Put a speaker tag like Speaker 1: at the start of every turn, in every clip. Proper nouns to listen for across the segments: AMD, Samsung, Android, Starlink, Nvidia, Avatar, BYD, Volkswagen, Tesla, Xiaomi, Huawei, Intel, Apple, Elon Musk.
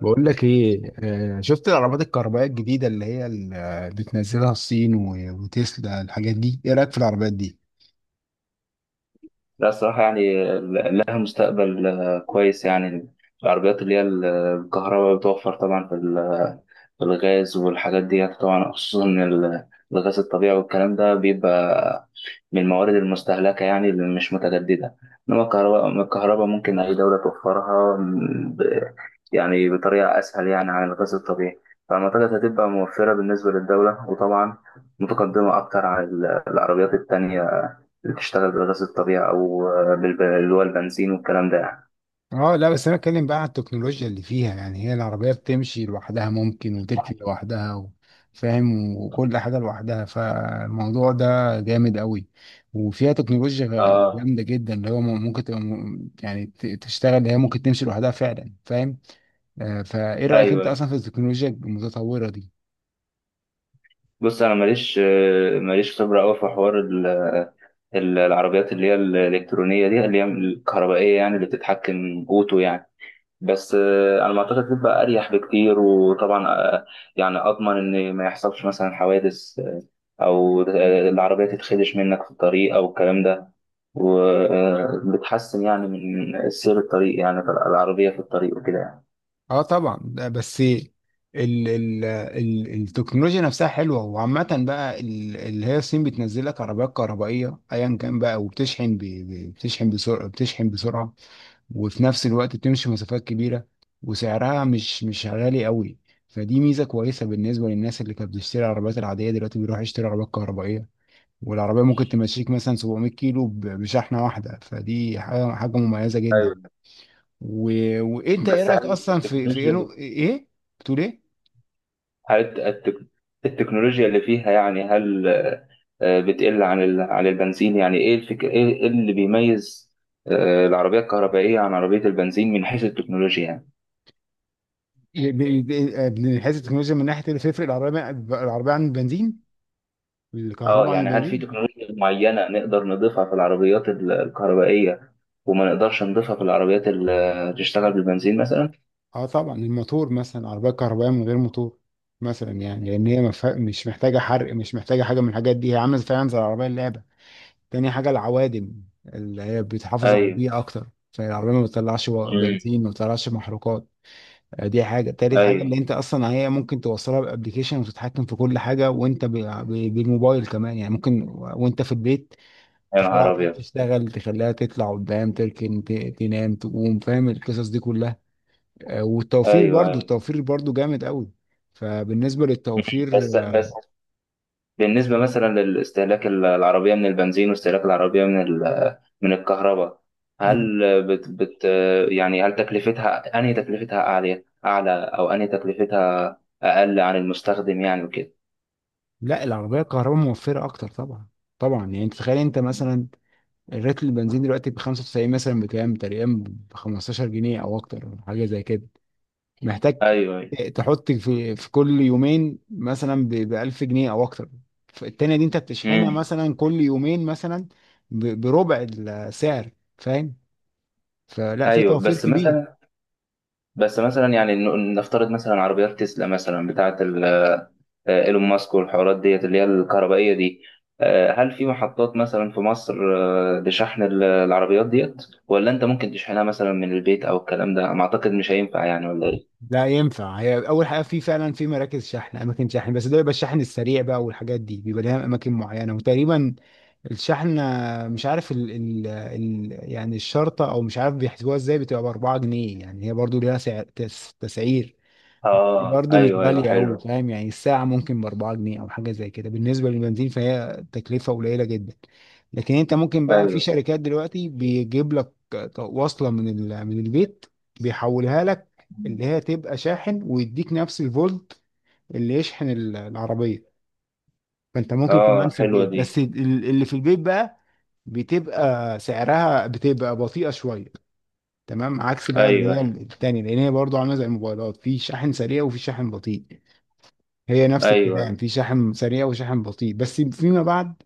Speaker 1: بقول لك ايه، شفت العربات الكهربائيه الجديده اللي بتنزلها الصين و- وتسلا، الحاجات دي ايه رايك في العربيات دي؟
Speaker 2: لا الصراحة لها مستقبل كويس يعني. العربيات الكهرباء بتوفر طبعا في الغاز والحاجات دي طبعا خصوصا الغاز الطبيعي والكلام ده بيبقى من الموارد المستهلكة يعني اللي مش متجددة، إنما الكهرباء ممكن أي دولة توفرها يعني بطريقة أسهل يعني عن الغاز الطبيعي. فأعتقد هتبقى موفرة بالنسبة للدولة، وطبعا متقدمة أكتر العربيات التانية بتشتغل بالغاز الطبيعي او اللي هو البنزين والكلام ده يعني.
Speaker 1: اه لا، بس انا اتكلم بقى عن التكنولوجيا اللي فيها، يعني هي العربيه بتمشي لوحدها، ممكن وتركن لوحدها فاهم؟ وكل حاجه لوحدها. فالموضوع ده جامد قوي، وفيها تكنولوجيا
Speaker 2: اه
Speaker 1: جامده جدا، اللي هو ممكن تبقى م- يعني ت- تشتغل، اللي هي ممكن تمشي لوحدها فعلا، فاهم؟ فايه رايك انت
Speaker 2: ايوه،
Speaker 1: اصلا في التكنولوجيا المتطوره دي؟
Speaker 2: بص انا ماليش خبره قوي في حوار العربيات اللي هي الالكترونيه دي اللي هي الكهربائيه يعني اللي بتتحكم اوتو يعني. بس على ما اعتقد بتبقى اريح بكتير، وطبعا يعني اضمن ان ما يحصلش مثلا حوادث، او العربيه تتخدش منك في الطريق او الكلام ده، وبتحسن يعني من سير الطريق يعني العربيه في الطريق وكده يعني.
Speaker 1: اه طبعا. ده بس ال التكنولوجيا نفسها حلوه، وعامه بقى اللي هي الصين بتنزل لك عربيات كهربائيه ايا كان بقى، وبتشحن ب- ب- بتشحن بسرعه بتشحن بسرعه، وفي نفس الوقت بتمشي مسافات كبيره، وسعرها مش غالي قوي. فدي ميزه كويسه بالنسبه للناس اللي كانت بتشتري العربيات العاديه، دلوقتي بيروح يشتري عربيات كهربائيه. والعربيه ممكن تمشيك مثلا 700 كيلو بشحنه واحده، فدي حاجه مميزه جدا.
Speaker 2: ايوه.
Speaker 1: و... وانت، ايه
Speaker 2: بس
Speaker 1: رايك
Speaker 2: هل
Speaker 1: اصلا في
Speaker 2: التكنولوجيا
Speaker 1: انه
Speaker 2: اللي
Speaker 1: ايه؟ بتقول ايه؟
Speaker 2: هل التك- التكنولوجيا اللي فيها يعني، هل بتقل عن البنزين؟ يعني ايه الفكر، ايه إيه اللي بيميز العربيه الكهربائيه عن عربيه البنزين من حيث التكنولوجيا يعني؟
Speaker 1: من حيث التكنولوجيا، من ناحيه اللي تفرق العربيه عن البنزين،
Speaker 2: اه
Speaker 1: الكهرباء عن
Speaker 2: يعني هل في
Speaker 1: البنزين.
Speaker 2: تكنولوجيا معينه نقدر نضيفها في العربيات الكهربائيه، وما نقدرش نضيفها في العربيات اللي تشتغل بالبنزين مثلا؟
Speaker 1: اه طبعا، الموتور مثلا، العربيه الكهربائيه من غير موتور مثلا، يعني لان هي مش محتاجه حرق، مش محتاجه حاجه من الحاجات دي، هي عامله فعلا زي العربيه اللعبه. تاني حاجه العوادم، اللي هي بتحافظ على
Speaker 2: ايوه.
Speaker 1: البيئه اكتر، فالعربيه ما بتطلعش
Speaker 2: امم.
Speaker 1: بنزين، ما بتطلعش محروقات. يعني دي حاجة تالت حاجة،
Speaker 2: ايوه.
Speaker 1: ان انت اصلا هي ممكن توصلها بابليكيشن وتتحكم في كل حاجة وانت بالموبايل كمان، يعني ممكن وانت في البيت
Speaker 2: يا نهار
Speaker 1: تخليها عمال
Speaker 2: ابيض.
Speaker 1: تشتغل، تخليها تطلع قدام، تركن تنام، تقوم، فاهم القصص دي كلها؟ والتوفير
Speaker 2: ايوه،
Speaker 1: برضو،
Speaker 2: أيوة.
Speaker 1: التوفير برضو جامد قوي، فبالنسبة للتوفير.
Speaker 2: بس بالنسبة مثلا للاستهلاك العربية من البنزين واستهلاك العربية من الكهرباء،
Speaker 1: مم.
Speaker 2: هل بت يعني هل تكلفتها، أنهي تكلفتها أعلى؟ أو أنهي تكلفتها أقل عن المستخدم يعني وكده؟
Speaker 1: لا، العربية الكهرباء موفرة اكتر طبعا. طبعا يعني، انت تخيل انت مثلا، الريت البنزين دلوقتي ب 95 مثلا بكام تقريبا؟ ب 15 جنيه او اكتر، حاجة زي كده. محتاج
Speaker 2: أيوه، أيوه.
Speaker 1: تحط في كل يومين مثلا ب 1000 جنيه او اكتر. التانية دي انت بتشحنها
Speaker 2: مم.
Speaker 1: مثلا كل يومين مثلا بربع السعر، فاهم؟ فلا، في
Speaker 2: أيوه.
Speaker 1: توفير
Speaker 2: بس
Speaker 1: كبير.
Speaker 2: مثلا بس مثلا يعني نفترض مثلا عربيات تسلا مثلا بتاعة ايلون ماسك والحوارات ديت اللي هي الكهربائية دي، هل في محطات مثلا في مصر لشحن العربيات ديت؟ ولا انت ممكن تشحنها مثلا من البيت او الكلام ده؟ ما اعتقد مش هينفع يعني، ولا ايه؟
Speaker 1: لا ينفع، هي اول حاجه في فعلا، في مراكز شحن، اماكن شحن، بس ده بيبقى الشحن السريع بقى، والحاجات دي بيبقى لها اماكن معينه. وتقريبا الشحن، مش عارف ال يعني الشرطه، او مش عارف بيحسبوها ازاي، بتبقى ب 4 جنيه، يعني هي برضو ليها سعر تسعير.
Speaker 2: اه
Speaker 1: برضه مش
Speaker 2: ايوه، ايوه
Speaker 1: غالية أوي،
Speaker 2: حلو.
Speaker 1: فاهم؟ يعني الساعة ممكن ب4 جنيه أو حاجة زي كده، بالنسبة للبنزين فهي تكلفة قليلة جدا. لكن أنت ممكن بقى، في
Speaker 2: ايوه.
Speaker 1: شركات دلوقتي بيجيب لك وصلة من البيت، بيحولها لك اللي هي تبقى شاحن، ويديك نفس الفولت اللي يشحن العربية. فأنت ممكن كمان
Speaker 2: اه،
Speaker 1: في
Speaker 2: حلوة
Speaker 1: البيت،
Speaker 2: دي.
Speaker 1: بس اللي في البيت بقى بتبقى سعرها بتبقى بطيئة شوية. تمام؟ عكس بقى اللي
Speaker 2: ايوه
Speaker 1: هي
Speaker 2: ايوه.
Speaker 1: التانية، لأن هي برضه عاملة زي الموبايلات، في شاحن سريع وفي شاحن بطيء. هي نفس
Speaker 2: ايوه
Speaker 1: الكلام، في شحن سريع وشحن بطيء. بس فيما بعد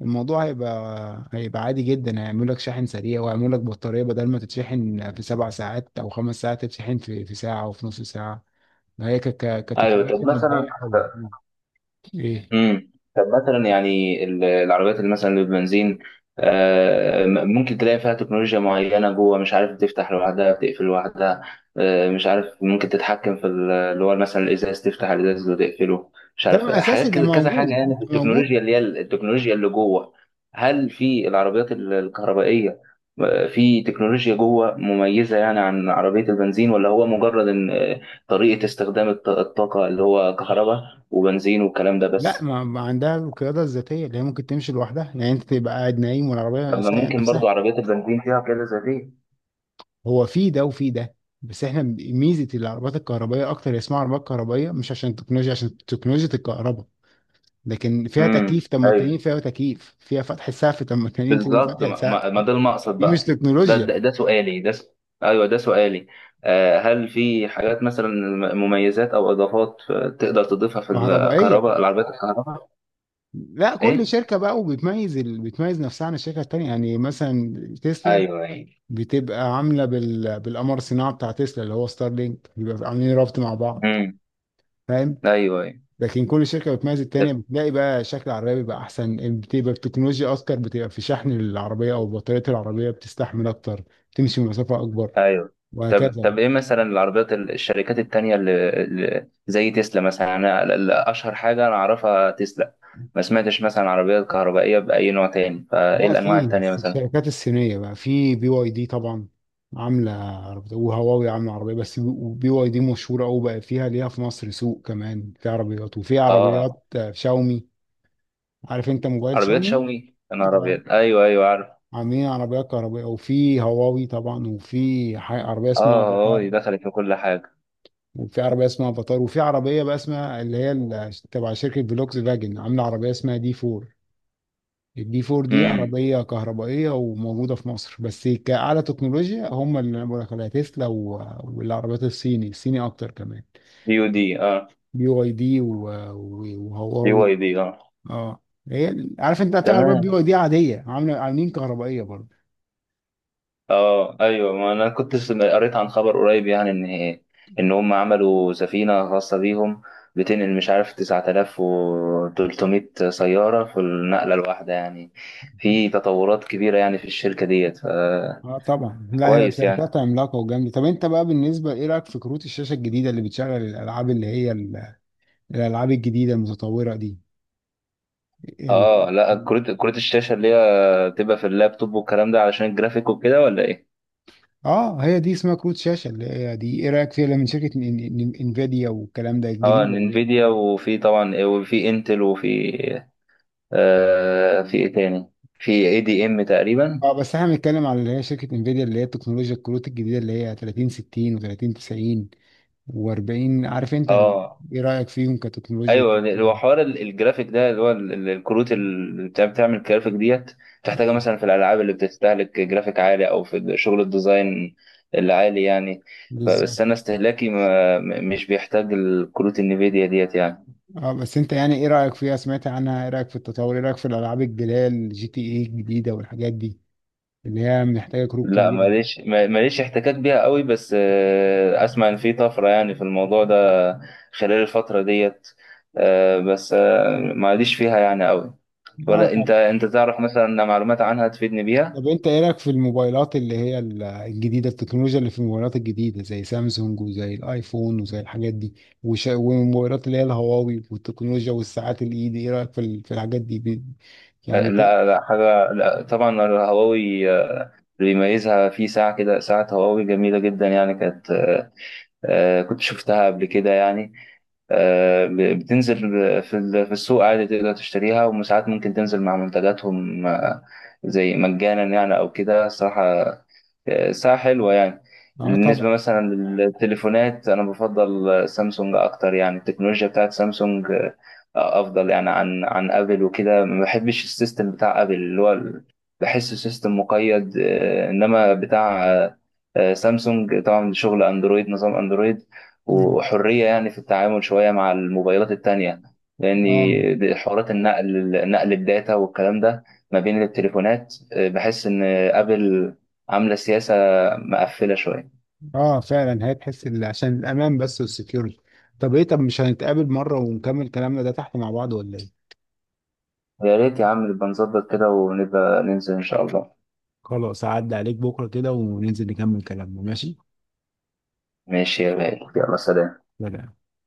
Speaker 1: الموضوع هيبقى عادي جدا، هيعملوا لك شحن سريع، ويعملوا لك بطارية بدل ما تتشحن في 7 ساعات أو 5 ساعات، تتشحن في ساعة أو في نص ساعة. هي
Speaker 2: ايوه.
Speaker 1: كتكنولوجيا
Speaker 2: طب
Speaker 1: مبدئية
Speaker 2: مثلا،
Speaker 1: حلوة. إيه؟
Speaker 2: امم، طب مثلا يعني العربيات اللي مثلا اللي بالبنزين، ممكن تلاقي فيها تكنولوجيا معينة جوه، مش عارف بتفتح لوحدها بتقفل لوحدها، مش عارف ممكن تتحكم اللي هو مثلا الإزاز، تفتح الإزاز وتقفله، مش عارف
Speaker 1: ده أساسي،
Speaker 2: حاجات
Speaker 1: ده
Speaker 2: كده، كذا حاجة
Speaker 1: موجود
Speaker 2: يعني في
Speaker 1: ده موجود
Speaker 2: التكنولوجيا التكنولوجيا اللي جوه. هل في العربيات الكهربائية في تكنولوجيا جوه مميزة يعني عن عربية البنزين، ولا هو مجرد إن طريقة استخدام الطاقة اللي هو كهرباء وبنزين والكلام ده
Speaker 1: لا،
Speaker 2: بس؟
Speaker 1: ما عندها القيادة الذاتية، اللي هي ممكن تمشي لوحدها، يعني أنت تبقى قاعد نايم والعربية
Speaker 2: لما
Speaker 1: سايقة
Speaker 2: ممكن
Speaker 1: نفسها.
Speaker 2: برضو عربيات البنزين فيها كده زي دي.
Speaker 1: هو في ده وفي ده، بس احنا ميزه العربيات الكهربائيه اكتر، هي اسمها عربيات كهربائيه مش عشان التكنولوجيا، عشان تكنولوجيا الكهرباء. لكن فيها
Speaker 2: امم.
Speaker 1: تكييف، طب ما
Speaker 2: ايوه
Speaker 1: التانيين فيها تكييف، فيها فتح سقف، طب ما التانيين فيهم
Speaker 2: بالظبط.
Speaker 1: فتح
Speaker 2: ما,
Speaker 1: سقف،
Speaker 2: ما ما ده المقصد
Speaker 1: دي مش
Speaker 2: بقى. ده
Speaker 1: تكنولوجيا
Speaker 2: ده, ده سؤالي ده س... ايوه ده سؤالي. آه، هل في حاجات مثلا، مميزات او اضافات تقدر تضيفها في
Speaker 1: كهربائيه.
Speaker 2: الكهرباء العربيات الكهرباء؟
Speaker 1: لا، كل
Speaker 2: ايه.
Speaker 1: شركه بقى وبتميز بتميز نفسها عن الشركه التانيه. يعني مثلا تسلا
Speaker 2: ايوه ايوه.
Speaker 1: بتبقى عامله بالقمر الصناعي بتاع تسلا، اللي هو ستارلينك، بيبقى عاملين رابط مع بعض،
Speaker 2: امم.
Speaker 1: فاهم؟
Speaker 2: ايوه ايوه.
Speaker 1: لكن كل شركه بتميز التانيه، بتلاقي بقى شكل العربيه بيبقى احسن، بتبقى التكنولوجيا اذكر، بتبقى في شحن العربيه او بطاريه العربيه بتستحمل اكتر، تمشي مسافه اكبر،
Speaker 2: ايوه. طب
Speaker 1: وهكذا
Speaker 2: طب
Speaker 1: بقى.
Speaker 2: ايه مثلا العربيات الشركات التانية اللي زي تسلا مثلا؟ انا اشهر حاجة انا اعرفها تسلا، ما سمعتش مثلا عربيات كهربائية بأي نوع تاني. فايه
Speaker 1: لا،
Speaker 2: الانواع
Speaker 1: في
Speaker 2: التانية مثلا؟
Speaker 1: الشركات الصينيه بقى، في بي واي دي طبعا عامله عربيه، وهواوي عامله عربيه. بس بي واي دي مشهوره قوي بقى، فيها ليها في مصر سوق. كمان في عربيات، وفي
Speaker 2: اه.
Speaker 1: عربيات شاومي. عارف انت موبايل
Speaker 2: عربيات
Speaker 1: شاومي؟
Speaker 2: شاومي؟ انا
Speaker 1: آه،
Speaker 2: عربيات، ايوه ايوه عارف.
Speaker 1: عاملين عربيات كهربائيه. وفي هواوي طبعا، وفي عربيه اسمها
Speaker 2: اه
Speaker 1: افاتار،
Speaker 2: اه، دخلت في كل حاجة.
Speaker 1: وفي عربيه اسمها افاتار، وفي عربيه بقى اسمها اللي هي تبع شركه فولكس فاجن، عامله عربيه اسمها دي 4. الدي 4 دي
Speaker 2: امم.
Speaker 1: عربيه كهربائيه وموجوده في مصر. بس كاعلى تكنولوجيا، هم اللي انا بقول لك عليها تسلا والعربيات الصيني الصيني اكتر كمان،
Speaker 2: دي ودي، اه.
Speaker 1: بي واي دي
Speaker 2: دي واي
Speaker 1: وهواوي.
Speaker 2: دي، اه.
Speaker 1: اه، هي عارف انت في عربيات بي
Speaker 2: تمام.
Speaker 1: واي دي عاديه، عامله عاملين كهربائيه برضه.
Speaker 2: اه ايوه. ما انا كنت قريت عن خبر قريب يعني، ان هم عملوا سفينه خاصه بيهم بتنقل مش عارف 9,300 سياره في النقله الواحده يعني. في تطورات كبيره يعني في الشركه ديت،
Speaker 1: اه طبعا، لا هي
Speaker 2: فكويس يعني.
Speaker 1: شركات عملاقه وجامده. طب انت بقى، بالنسبه ايه رايك في كروت الشاشه الجديده اللي بتشغل الالعاب، اللي هي الالعاب الجديده المتطوره دي؟ ال...
Speaker 2: اه لا، كروت الشاشه اللي هي تبقى في اللابتوب والكلام ده علشان الجرافيك وكده، ولا ايه؟
Speaker 1: اه، هي دي اسمها كروت شاشه، اللي هي دي ايه رايك فيها، اللي من شركه انفيديا والكلام ده
Speaker 2: اه
Speaker 1: الجديده اللي هي-
Speaker 2: انفيديا، وفي طبعا وفي انتل، وفي في ايه تاني، في اي دي ام تقريبا.
Speaker 1: اه، بس احنا بنتكلم على اللي هي شركه انفيديا، اللي هي التكنولوجيا، الكروت الجديده اللي هي 30 60 و30 90 و40، عارف انت
Speaker 2: اه
Speaker 1: ايه رايك فيهم كتكنولوجيا؟
Speaker 2: ايوه. هو حوار الجرافيك ده اللي هو الكروت اللي بتعمل الجرافيك ديت، بتحتاجها
Speaker 1: آه،
Speaker 2: مثلا في الالعاب اللي بتستهلك جرافيك عالي او في شغل الديزاين العالي يعني.
Speaker 1: بالظبط.
Speaker 2: بس انا استهلاكي ما م- مش بيحتاج الكروت النفيديا ديت يعني.
Speaker 1: اه بس انت، يعني ايه رايك فيها، سمعت عنها؟ ايه رايك في التطور؟ ايه رايك في الالعاب الجديده، الجي تي ايه الجديده والحاجات دي، اللي هي محتاجه كروت
Speaker 2: لا
Speaker 1: كبيره.
Speaker 2: ماليش، ماليش احتكاك بيها قوي، بس اسمع ان في طفره يعني في الموضوع ده خلال الفتره ديت، بس ما عاديش فيها يعني قوي.
Speaker 1: اه،
Speaker 2: ولا انت، تعرف مثلا معلومات عنها تفيدني بيها؟
Speaker 1: طب انت ايه رايك في الموبايلات اللي هي الجديده، التكنولوجيا اللي في الموبايلات الجديده زي سامسونج وزي الايفون وزي الحاجات دي، والموبايلات اللي هي الهواوي والتكنولوجيا والساعات الايد، ايه رايك في في الحاجات دي يعني
Speaker 2: لا لا حاجة. لا طبعا الهواوي، اللي بيميزها في ساعة، كده ساعة هواوي جميلة جدا يعني، كانت كنت شفتها قبل كده يعني، بتنزل في السوق عادي تقدر تشتريها، وساعات ممكن تنزل مع منتجاتهم زي مجانا يعني أو كده الصراحة. ساعة حلوة يعني.
Speaker 1: اه
Speaker 2: بالنسبة
Speaker 1: طبعا.
Speaker 2: مثلا للتليفونات، أنا بفضل سامسونج أكتر يعني. التكنولوجيا بتاعت سامسونج أفضل يعني عن أبل وكده. ما بحبش السيستم بتاع أبل بحسه سيستم مقيد، إنما بتاع سامسونج طبعا شغل أندرويد، نظام أندرويد
Speaker 1: مم.
Speaker 2: وحرية يعني في التعامل شوية مع الموبايلات التانية. لأن
Speaker 1: اه،
Speaker 2: حوارات النقل، نقل الداتا والكلام ده ما بين التليفونات، بحس إن أبل عاملة سياسة مقفلة شوية.
Speaker 1: اه فعلا، هتحس عشان الامان بس والسكيورتي. طب ايه؟ طب مش هنتقابل مره ونكمل كلامنا ده تحت مع بعض ولا ايه؟
Speaker 2: يا ريت يا عم، نبقى نظبط كده ونبقى ننزل إن شاء الله.
Speaker 1: خلاص، اعدي عليك بكره كده وننزل نكمل كلامنا، ماشي؟
Speaker 2: ماشي يا غالي، يلا سلام.
Speaker 1: سلام.